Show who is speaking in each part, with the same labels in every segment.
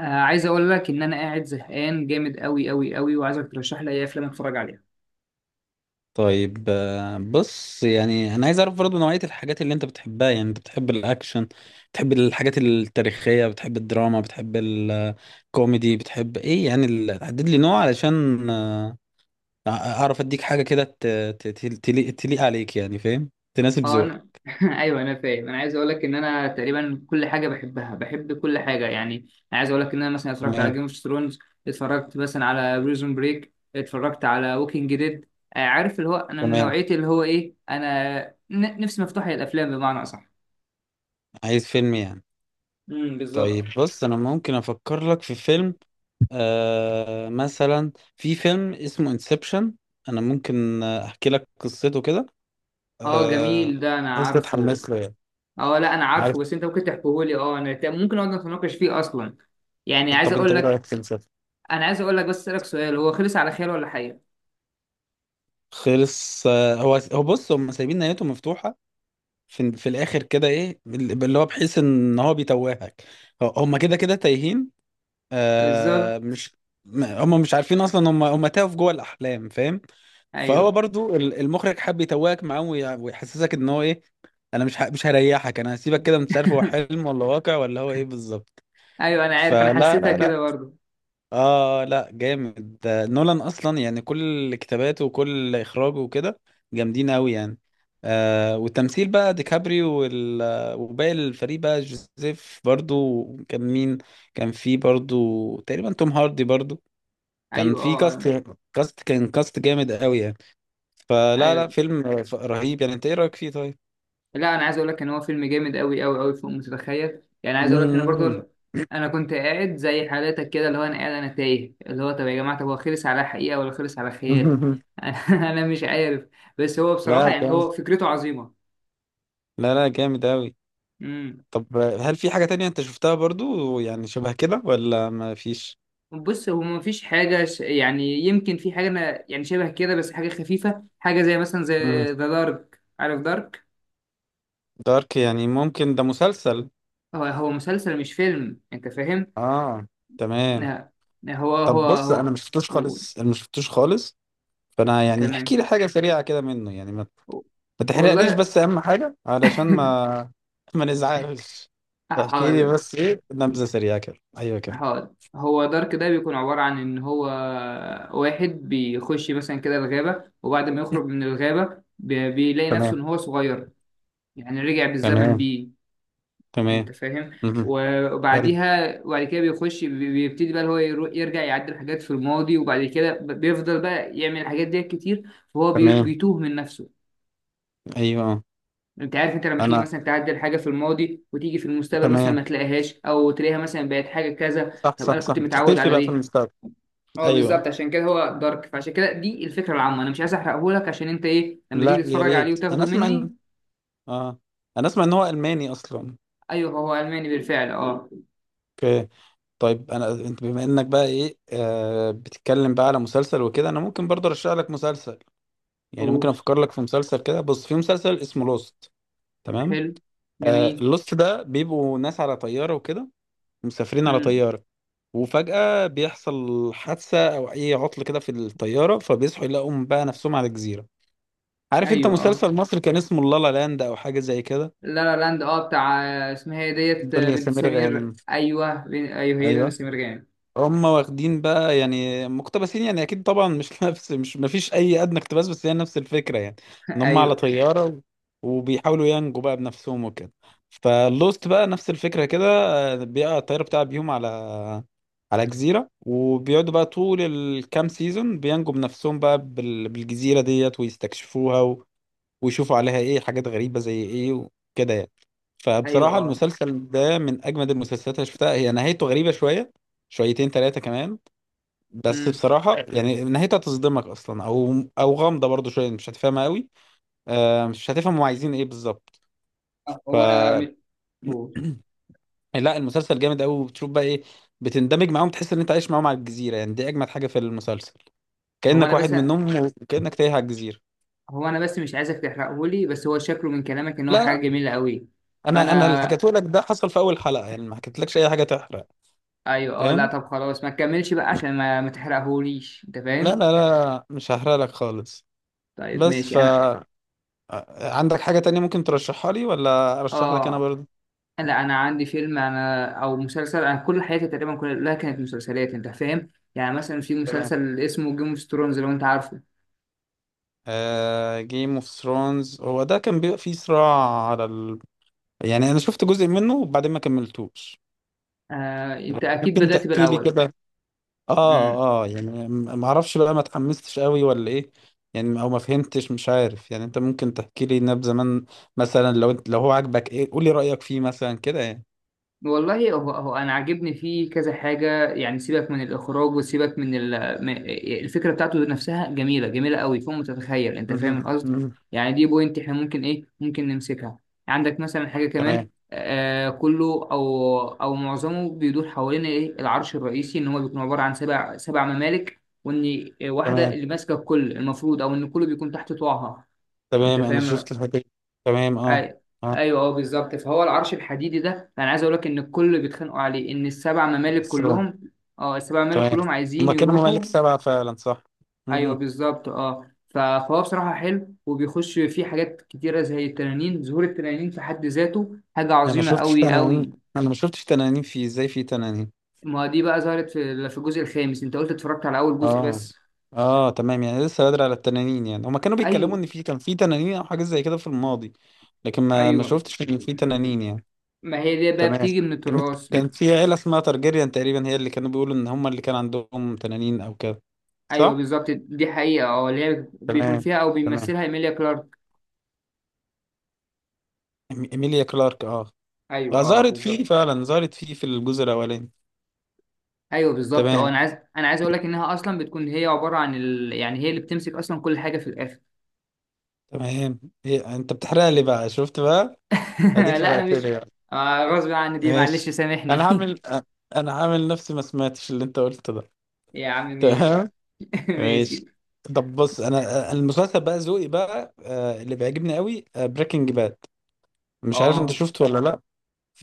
Speaker 1: عايز اقول لك ان انا قاعد زهقان جامد قوي قوي قوي، وعايزك ترشح لي اي افلام اتفرج عليها.
Speaker 2: طيب، بص، يعني انا عايز اعرف برضه نوعية الحاجات اللي انت بتحبها، يعني انت بتحب الاكشن، بتحب الحاجات التاريخية، بتحب الدراما، بتحب الكوميدي، بتحب ايه يعني حدد لي نوع علشان اعرف اديك حاجة كده تليق عليك يعني، فاهم؟ تناسب
Speaker 1: اه انا
Speaker 2: ذوقك.
Speaker 1: ايوه، انا فاهم. انا عايز اقول لك ان انا تقريبا كل حاجه بحبها، بحب كل حاجه يعني. انا عايز اقول لك ان انا مثلا اتفرجت على
Speaker 2: تمام.
Speaker 1: جيم اوف ثرونز، اتفرجت مثلا على بريزون بريك، اتفرجت على ووكينج ديد. عارف اللي هو انا من
Speaker 2: تمام.
Speaker 1: نوعيه اللي هو ايه، انا نفسي مفتوحه للافلام بمعنى اصح.
Speaker 2: عايز فيلم يعني؟
Speaker 1: امم،
Speaker 2: طيب
Speaker 1: بالظبط.
Speaker 2: بص، انا ممكن افكر لك في فيلم. مثلا في فيلم اسمه انسبشن، انا ممكن احكي لك قصته كده.
Speaker 1: اه
Speaker 2: آه...
Speaker 1: جميل، ده انا
Speaker 2: انت
Speaker 1: عارفه.
Speaker 2: تتحمس له يعني.
Speaker 1: اه لا، انا عارفه
Speaker 2: عارف.
Speaker 1: بس انت ممكن تحكيهولي. ممكن اقعد نتناقش فيه اصلا يعني. عايز
Speaker 2: طب انت
Speaker 1: اقول
Speaker 2: ايه
Speaker 1: لك.
Speaker 2: رايك في المسلسل؟
Speaker 1: انا عايز اقول لك، بس اسالك سؤال: هو خلص على خير ولا حقيقة؟
Speaker 2: خلص. هو بص، هم سايبين نهايته مفتوحه في الاخر كده، ايه اللي هو بحيث ان هو بيتوهك. هم كده كده تايهين.
Speaker 1: بالظبط.
Speaker 2: مش هم مش عارفين اصلا، هم تاهوا في جوه الاحلام، فاهم. فهو
Speaker 1: ايوه،
Speaker 2: برضو المخرج حب يتوهك معاهم ويحسسك ان هو ايه. انا مش هريحك، انا هسيبك كده مش عارف هو حلم ولا واقع ولا هو ايه بالظبط.
Speaker 1: ايوه، انا عارف، انا
Speaker 2: فلا
Speaker 1: حسيتها
Speaker 2: لا
Speaker 1: كده
Speaker 2: لا،
Speaker 1: برضه.
Speaker 2: اه لا جامد ده نولان اصلا، يعني كل كتاباته وكل اخراجه وكده جامدين قوي يعني. والتمثيل بقى ديكابريو وباقي الفريق بقى جوزيف برضو، كان مين؟ كان في برضو تقريبا توم هاردي برضو، كان
Speaker 1: ايوه،
Speaker 2: في
Speaker 1: اه، اه.
Speaker 2: كاست كان كاست جامد قوي يعني. فلا لا
Speaker 1: ايوه،
Speaker 2: فيلم رهيب يعني. انت ايه رايك فيه طيب؟
Speaker 1: لا انا عايز اقول لك ان هو فيلم جامد قوي قوي قوي فوق ما تتخيل يعني. عايز اقول لك ان برضه انا كنت قاعد زي حالاتك كده، اللي هو انا قاعد انا تايه، اللي هو طب يا جماعه، طب هو خلص على حقيقه ولا خلص على خيال؟ انا مش عارف. بس هو بصراحه
Speaker 2: لا
Speaker 1: يعني
Speaker 2: كان.
Speaker 1: هو فكرته عظيمه.
Speaker 2: لا لا جامد قوي. طب هل في حاجة تانية انت شفتها برضو، يعني شبه كده ولا ما فيش؟
Speaker 1: بص، هو مفيش حاجة يعني يمكن في حاجة أنا يعني شبه كده، بس حاجة خفيفة، حاجة زي مثلا زي
Speaker 2: مم.
Speaker 1: ذا دارك، عارف دارك؟
Speaker 2: دارك يعني، ممكن ده مسلسل.
Speaker 1: هو مسلسل مش فيلم، أنت فاهم؟
Speaker 2: اه. تمام.
Speaker 1: لا. لا،
Speaker 2: طب بص، انا ما شفتوش
Speaker 1: هو...
Speaker 2: خالص، انا ما شفتوش خالص، فانا يعني
Speaker 1: تمام.
Speaker 2: احكي لي حاجة سريعة كده منه يعني، ما تحرقليش،
Speaker 1: والله.
Speaker 2: بس اهم حاجة علشان ما ما نزعلش. احكي لي
Speaker 1: حاضر.
Speaker 2: بس ايه نبذة سريعة كده، ايوه كده.
Speaker 1: حاضر، هو دارك ده بيكون عبارة عن إن هو واحد بيخش مثلا كده الغابة، وبعد ما يخرج من الغابة بيلاقي نفسه إن
Speaker 2: تمام.
Speaker 1: هو صغير. يعني رجع بالزمن
Speaker 2: تمام.
Speaker 1: بيه.
Speaker 2: تمام.
Speaker 1: انت فاهم.
Speaker 2: مهم. حلو.
Speaker 1: وبعديها وبعد كده بيخش بيبتدي بقى اللي هو يرجع يعدل حاجات في الماضي، وبعد كده بيفضل بقى يعمل الحاجات دي كتير، فهو
Speaker 2: تمام.
Speaker 1: بيتوه من نفسه.
Speaker 2: ايوه.
Speaker 1: انت عارف، انت لما تيجي
Speaker 2: انا.
Speaker 1: مثلا تعدل حاجه في الماضي وتيجي في المستقبل مثلا ما
Speaker 2: تمام.
Speaker 1: تلاقيهاش، او تلاقيها مثلا بقت حاجه كذا.
Speaker 2: صح
Speaker 1: طب انا
Speaker 2: صح
Speaker 1: كنت
Speaker 2: صح،
Speaker 1: متعود
Speaker 2: تختلفي
Speaker 1: على
Speaker 2: بقى في
Speaker 1: دي.
Speaker 2: المستقبل.
Speaker 1: اه بالظبط،
Speaker 2: ايوه.
Speaker 1: عشان كده هو دارك، فعشان كده دي الفكره العامه. انا مش عايز احرقه لك، عشان انت ايه لما
Speaker 2: لا
Speaker 1: تيجي
Speaker 2: يا
Speaker 1: تتفرج عليه
Speaker 2: ريت، انا
Speaker 1: وتاخده
Speaker 2: اسمع ان
Speaker 1: مني.
Speaker 2: اه انا اسمع ان هو الماني اصلا.
Speaker 1: ايوه، هو الماني بالفعل، اه.
Speaker 2: اوكي. طيب، انت بما انك بقى ايه، بتتكلم بقى على مسلسل وكده، انا ممكن برضه ارشح لك مسلسل، يعني
Speaker 1: اوه،
Speaker 2: ممكن افكر لك في مسلسل كده. بص في مسلسل اسمه لوست. تمام.
Speaker 1: حلو. جميل.
Speaker 2: اللوست ده بيبقوا ناس على طياره وكده، مسافرين على
Speaker 1: مم.
Speaker 2: طياره، وفجأة بيحصل حادثة أو أي عطل كده في الطيارة، فبيصحوا يلاقوا بقى نفسهم على جزيرة. عارف أنت
Speaker 1: ايوه، اه.
Speaker 2: مسلسل مصر كان اسمه لالا لاند أو حاجة زي كده،
Speaker 1: لا لا لاند، اه بتاع. اسمها ايه، ديت
Speaker 2: الدنيا
Speaker 1: بنت
Speaker 2: سمير
Speaker 1: سمير،
Speaker 2: غانم.
Speaker 1: ايوه، ايوه، هي دنيا
Speaker 2: أيوه.
Speaker 1: سمير غانم.
Speaker 2: هم واخدين بقى يعني مقتبسين، يعني اكيد طبعا مش نفس، مش مفيش اي ادنى اقتباس، بس هي نفس الفكره يعني، ان هم على
Speaker 1: ايوه.
Speaker 2: طياره وبيحاولوا ينجوا بقى بنفسهم وكده. فلوست بقى نفس الفكره كده، بيقع الطياره بتاع بيهم على جزيره، وبيقعدوا بقى طول الكام سيزون بينجوا بنفسهم بقى بالجزيره ديت ويستكشفوها، ويشوفوا عليها ايه حاجات غريبة زي ايه وكده يعني.
Speaker 1: ايوه،
Speaker 2: فبصراحة
Speaker 1: اه.
Speaker 2: المسلسل ده من اجمد المسلسلات اللي شفتها. هي نهايته غريبة شوية، شويتين، ثلاثة كمان، بس
Speaker 1: امم.
Speaker 2: بصراحة يعني نهايتها تصدمك اصلا، او غامضة برضو شوية، مش هتفهمها قوي. مش هتفهم هم عايزين ايه بالظبط. ف
Speaker 1: هو انا هو
Speaker 2: لا المسلسل جامد قوي، وبتشوف بقى ايه، بتندمج معاهم، تحس ان انت عايش معاهم على الجزيرة. يعني دي اجمد حاجة في المسلسل،
Speaker 1: هو
Speaker 2: كأنك
Speaker 1: انا
Speaker 2: واحد
Speaker 1: بس.
Speaker 2: منهم وكأنك تايه على الجزيرة.
Speaker 1: هو انا بس مش عايزك تحرقه لي، بس هو شكله من كلامك ان هو
Speaker 2: لا
Speaker 1: حاجه
Speaker 2: لا،
Speaker 1: جميله قوي.
Speaker 2: انا اللي
Speaker 1: فانا.
Speaker 2: حكيته لك ده حصل في اول حلقة، يعني ما حكيتلكش اي حاجة تحرق،
Speaker 1: ايوه، اه، لا
Speaker 2: فاهم؟
Speaker 1: طب خلاص ما تكملش بقى عشان ما تحرقهوليش، انت
Speaker 2: لا
Speaker 1: فاهم.
Speaker 2: لا لا مش هحرق لك خالص.
Speaker 1: طيب
Speaker 2: بس
Speaker 1: ماشي، انا.
Speaker 2: عندك حاجة تانية ممكن ترشحها لي ولا أرشح لك أنا
Speaker 1: اه
Speaker 2: برضه؟
Speaker 1: لا، انا عندي فيلم، انا او مسلسل. انا كل حياتي تقريبا كلها كانت مسلسلات، انت فاهم. يعني مثلا في
Speaker 2: تمام.
Speaker 1: مسلسل اسمه جيم اوف ثرونز، لو انت عارفه.
Speaker 2: جيم اوف ثرونز هو ده، كان بيبقى فيه صراع على يعني أنا شفت جزء منه وبعدين ما كملتوش.
Speaker 1: انت اكيد
Speaker 2: ممكن
Speaker 1: بدأت
Speaker 2: تحكي لي
Speaker 1: بالاول.
Speaker 2: كده.
Speaker 1: امم.
Speaker 2: اه يعني ما اعرفش بقى ما اتحمستش قوي ولا ايه، يعني او ما فهمتش مش عارف. يعني انت ممكن تحكي لي نبذة زمان، مثلا، لو هو عاجبك ايه قول لي رأيك فيه مثلا كده يعني.
Speaker 1: والله، هو انا عاجبني فيه كذا حاجه يعني. سيبك من الاخراج وسيبك من الفكره بتاعته نفسها جميله، جميله قوي فوق ما تتخيل، انت فاهم
Speaker 2: مهم.
Speaker 1: القصد.
Speaker 2: مهم.
Speaker 1: يعني دي بوينت احنا ممكن ايه، ممكن نمسكها. عندك مثلا حاجه كمان،
Speaker 2: تمام.
Speaker 1: كله او معظمه بيدور حوالين ايه العرش الرئيسي، ان هو بيكون عباره عن سبع ممالك، وان واحده
Speaker 2: تمام.
Speaker 1: اللي ماسكه الكل المفروض او ان الكل بيكون تحت طوعها، انت
Speaker 2: تمام انا
Speaker 1: فاهم.
Speaker 2: شفت الحكاية. تمام. اه.
Speaker 1: ايوه،
Speaker 2: اه
Speaker 1: ايوه، اه، بالظبط. فهو العرش الحديدي ده، انا عايز اقول لك ان الكل بيتخانقوا عليه، ان السبع ممالك
Speaker 2: السلام.
Speaker 1: كلهم. اه، السبع ممالك
Speaker 2: تمام.
Speaker 1: كلهم عايزين
Speaker 2: هما كانوا ممالك
Speaker 1: يروحوا.
Speaker 2: سبعة فعلا. صح.
Speaker 1: ايوه،
Speaker 2: مهم.
Speaker 1: بالظبط، اه. فهو بصراحه حلو، وبيخش فيه حاجات كتيره زي التنانين. ظهور التنانين في حد ذاته حاجه
Speaker 2: انا ما
Speaker 1: عظيمه
Speaker 2: شفتش
Speaker 1: قوي
Speaker 2: تنانين،
Speaker 1: قوي.
Speaker 2: انا ما شفتش تنانين، في ازاي في تنانين؟
Speaker 1: ما دي بقى ظهرت في الجزء الخامس، انت قلت اتفرجت على اول جزء
Speaker 2: اه
Speaker 1: بس.
Speaker 2: اه تمام، يعني لسه بدري على التنانين، يعني هما كانوا بيتكلموا
Speaker 1: ايوه،
Speaker 2: ان كان في تنانين او حاجة زي كده في الماضي، لكن ما
Speaker 1: ايوه.
Speaker 2: شفتش ان في تنانين يعني.
Speaker 1: ما هي دي بقى
Speaker 2: تمام.
Speaker 1: بتيجي من التراث
Speaker 2: كان في عيلة اسمها تارجيريان تقريبا، هي اللي كانوا بيقولوا ان هما اللي كان عندهم تنانين او كده.
Speaker 1: ايوه
Speaker 2: صح.
Speaker 1: بالظبط، دي حقيقه، اه، اللي هي بيكون
Speaker 2: تمام.
Speaker 1: فيها او
Speaker 2: تمام.
Speaker 1: بيمثلها ايميليا كلارك.
Speaker 2: إيميليا كلارك. اه.
Speaker 1: ايوه، اه،
Speaker 2: ظهرت فيه
Speaker 1: بالظبط.
Speaker 2: فعلا، ظهرت فيه في الجزء الاولاني.
Speaker 1: ايوه بالظبط، اه،
Speaker 2: تمام.
Speaker 1: انا عايز اقول لك انها اصلا بتكون هي عباره عن يعني هي اللي بتمسك اصلا كل حاجه في الاخر.
Speaker 2: تمام. إيه انت بتحرق لي بقى، شفت بقى؟ اديك
Speaker 1: لا انا
Speaker 2: حرقت
Speaker 1: مش.
Speaker 2: لي بقى.
Speaker 1: غصب عني دي، معلش
Speaker 2: ماشي. انا
Speaker 1: سامحني.
Speaker 2: هعمل أ- انا هعمل نفسي ما سمعتش اللي انت قلته ده.
Speaker 1: يا عم ماشي.
Speaker 2: تمام.
Speaker 1: ماشي.
Speaker 2: ماشي. طب بص، انا المسلسل بقى ذوقي بقى اللي بيعجبني قوي بريكنج باد. مش عارف انت
Speaker 1: اه،
Speaker 2: شفته ولا لا.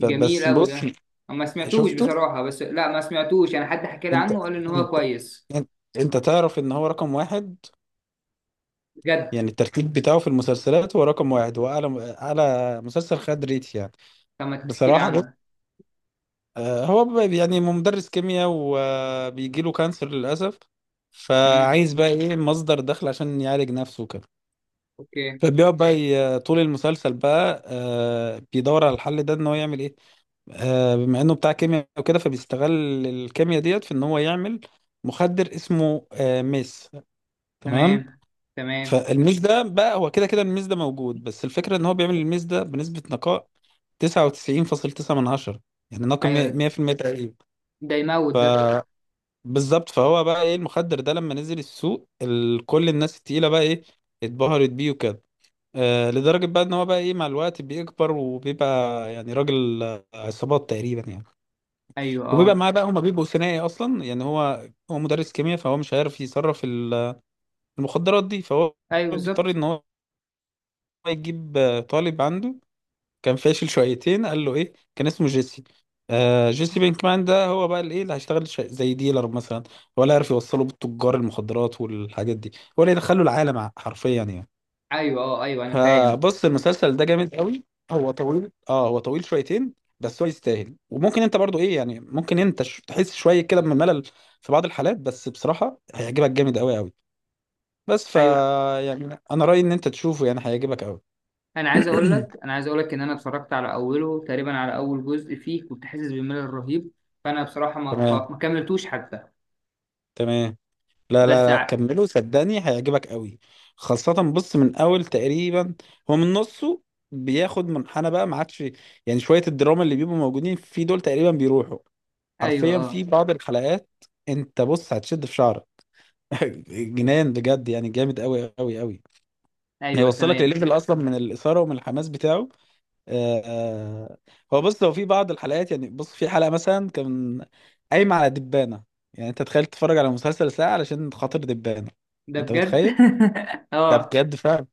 Speaker 1: جميل قوي
Speaker 2: بص،
Speaker 1: ده. ما سمعتوش
Speaker 2: شفته.
Speaker 1: بصراحه، بس لا ما سمعتوش، انا حد حكى لي
Speaker 2: انت
Speaker 1: عنه وقال ان هو
Speaker 2: انت
Speaker 1: كويس.
Speaker 2: انت, انت تعرف ان هو رقم واحد،
Speaker 1: بجد.
Speaker 2: يعني الترتيب بتاعه في المسلسلات هو رقم واحد، هو أعلى أعلى مسلسل خد ريت يعني.
Speaker 1: طب ما تحكي لي
Speaker 2: بصراحة لا.
Speaker 1: عنه.
Speaker 2: هو يعني مدرس كيمياء، وبيجي له كانسر للأسف،
Speaker 1: امم.
Speaker 2: فعايز بقى إيه مصدر دخل عشان يعالج نفسه كده.
Speaker 1: اوكي.
Speaker 2: فبيقعد بقى طول المسلسل بقى بيدور على الحل ده، إن هو يعمل إيه. بما إنه بتاع كيمياء وكده، فبيستغل الكيمياء ديت في إن هو يعمل مخدر اسمه ميس. تمام.
Speaker 1: تمام. تمام.
Speaker 2: فالميز ده بقى، هو كده كده الميز ده موجود، بس الفكرة ان هو بيعمل الميز ده بنسبة نقاء 99.9 من عشرة، يعني ناقم
Speaker 1: ايوه.
Speaker 2: 100% تقريبا.
Speaker 1: ده يموت ده.
Speaker 2: ف- بالظبط. فهو بقى ايه، المخدر ده لما نزل السوق كل الناس التقيلة بقى ايه اتبهرت بيه وكده، لدرجة بقى ان هو بقى ايه مع الوقت بيكبر وبيبقى يعني راجل عصابات تقريبا يعني،
Speaker 1: ايوه،
Speaker 2: وبيبقى
Speaker 1: اه.
Speaker 2: معاه بقى، هما بيبقوا ثنائي اصلا يعني. هو مدرس كيمياء، فهو مش عارف يصرف المخدرات دي، فهو
Speaker 1: ايوه،
Speaker 2: بيضطر
Speaker 1: بالظبط.
Speaker 2: ان هو يجيب طالب عنده كان فاشل شويتين، قال له ايه كان اسمه جيسي. جيسي بينكمان ده، هو بقى الايه اللي هيشتغل زي ديلر مثلا، ولا عارف يوصله بالتجار المخدرات والحاجات دي، ولا يدخله العالم حرفيا يعني.
Speaker 1: ايوه، اه، ايوه انا فاهم.
Speaker 2: فبص المسلسل ده جامد قوي. هو طويل. اه هو طويل شويتين، بس هو يستاهل. وممكن انت برضو ايه يعني، ممكن انت تحس شويه كده بملل في بعض الحالات، بس بصراحه هيعجبك جامد قوي قوي. بس
Speaker 1: ايوه،
Speaker 2: يعني، انا رايي ان انت تشوفه، يعني هيعجبك قوي.
Speaker 1: انا عايز اقول لك ان انا اتفرجت على اوله، تقريبا على اول جزء فيه، كنت حاسس بملل رهيب. فانا بصراحه
Speaker 2: تمام.
Speaker 1: ما كملتوش حتى.
Speaker 2: تمام. لا
Speaker 1: بس
Speaker 2: لا لا،
Speaker 1: ع...
Speaker 2: كمله صدقني هيعجبك قوي. خاصة بص، من أول تقريبا، هو من نصه بياخد منحنى بقى ما عادش، يعني شوية الدراما اللي بيبقوا موجودين في دول تقريبا بيروحوا
Speaker 1: ايوه،
Speaker 2: حرفيا في
Speaker 1: اه.
Speaker 2: بعض الحلقات. أنت بص هتشد في شعرك. جنان بجد يعني، جامد قوي قوي قوي،
Speaker 1: ايوه،
Speaker 2: هيوصلك
Speaker 1: تمام.
Speaker 2: لليفل أصلا من الإثارة ومن الحماس بتاعه. آه، آه. هو بص، في بعض الحلقات يعني، بص في حلقة مثلا كان قايمة على دبانة. يعني انت تخيل، تتفرج على مسلسل ساعة علشان خاطر دبانة.
Speaker 1: ده
Speaker 2: انت
Speaker 1: بجد.
Speaker 2: متخيل؟ ده
Speaker 1: اه.
Speaker 2: بجد فعلا.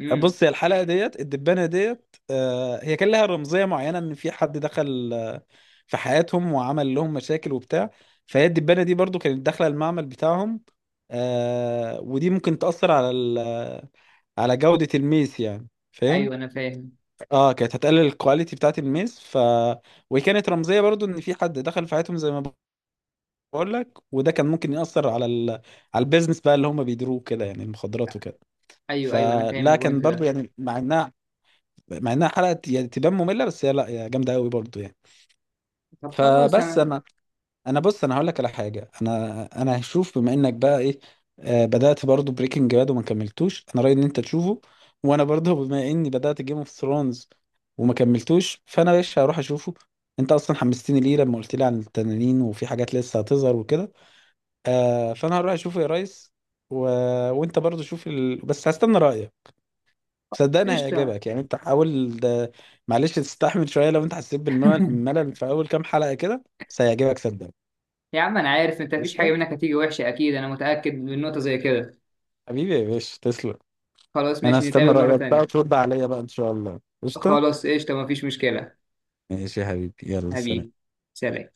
Speaker 1: امم.
Speaker 2: بص هي الحلقة ديت الدبانة ديت، هي كان لها رمزية معينة ان في حد دخل في حياتهم وعمل لهم مشاكل وبتاع. فهي الدبانة دي برضو كانت داخلة المعمل بتاعهم، ودي ممكن تأثر على جودة الميس يعني، فاهم؟
Speaker 1: ايوه، انا فاهم.
Speaker 2: اه كانت هتقلل الكواليتي بتاعت الميز. وهي كانت رمزيه برضو ان في حد دخل في حياتهم زي ما بقول لك، وده كان ممكن ياثر على البيزنس بقى اللي هم بيديروه كده، يعني المخدرات وكده.
Speaker 1: ايوه، ايوه، انا فاهم
Speaker 2: فلا كان
Speaker 1: البوينت
Speaker 2: برضو
Speaker 1: ده.
Speaker 2: يعني، مع انها حلقه يعني تبان ممله، بس هي لا هي جامده قوي برضو يعني.
Speaker 1: طب خلاص انا.
Speaker 2: انا، انا بص، هقول لك على حاجه. انا هشوف بما انك بقى ايه بدات برضو بريكنج باد وما كملتوش، انا رايي ان انت تشوفه. وانا برضو بما اني بدات جيم اوف ثرونز وما كملتوش، فانا ايش هروح اشوفه، انت اصلا حمستني ليه لما قلت لي عن التنانين وفي حاجات لسه هتظهر وكده. فانا هروح اشوفه يا ريس. و... وانت برضو شوف بس هستنى رايك، صدقني
Speaker 1: قشطه.
Speaker 2: هيعجبك، يعني انت حاول ده. معلش تستحمل شويه لو انت حسيت بالملل في اول كام حلقه كده، بس هيعجبك صدقني.
Speaker 1: يا عم انا عارف انت، مفيش حاجه
Speaker 2: قشطة؟
Speaker 1: منك هتيجي وحشه اكيد، انا متاكد من نقطه زي كده.
Speaker 2: حبيبي يا باشا تسلم.
Speaker 1: خلاص
Speaker 2: انا
Speaker 1: ماشي،
Speaker 2: هستنى
Speaker 1: نتقابل مره
Speaker 2: رأيك بقى
Speaker 1: تانية.
Speaker 2: وترد عليا بقى ان شاء الله. قشطة.
Speaker 1: خلاص قشطه، مفيش مشكله.
Speaker 2: ماشي يا حبيبي يلا
Speaker 1: حبيبي.
Speaker 2: سلام.
Speaker 1: سلام.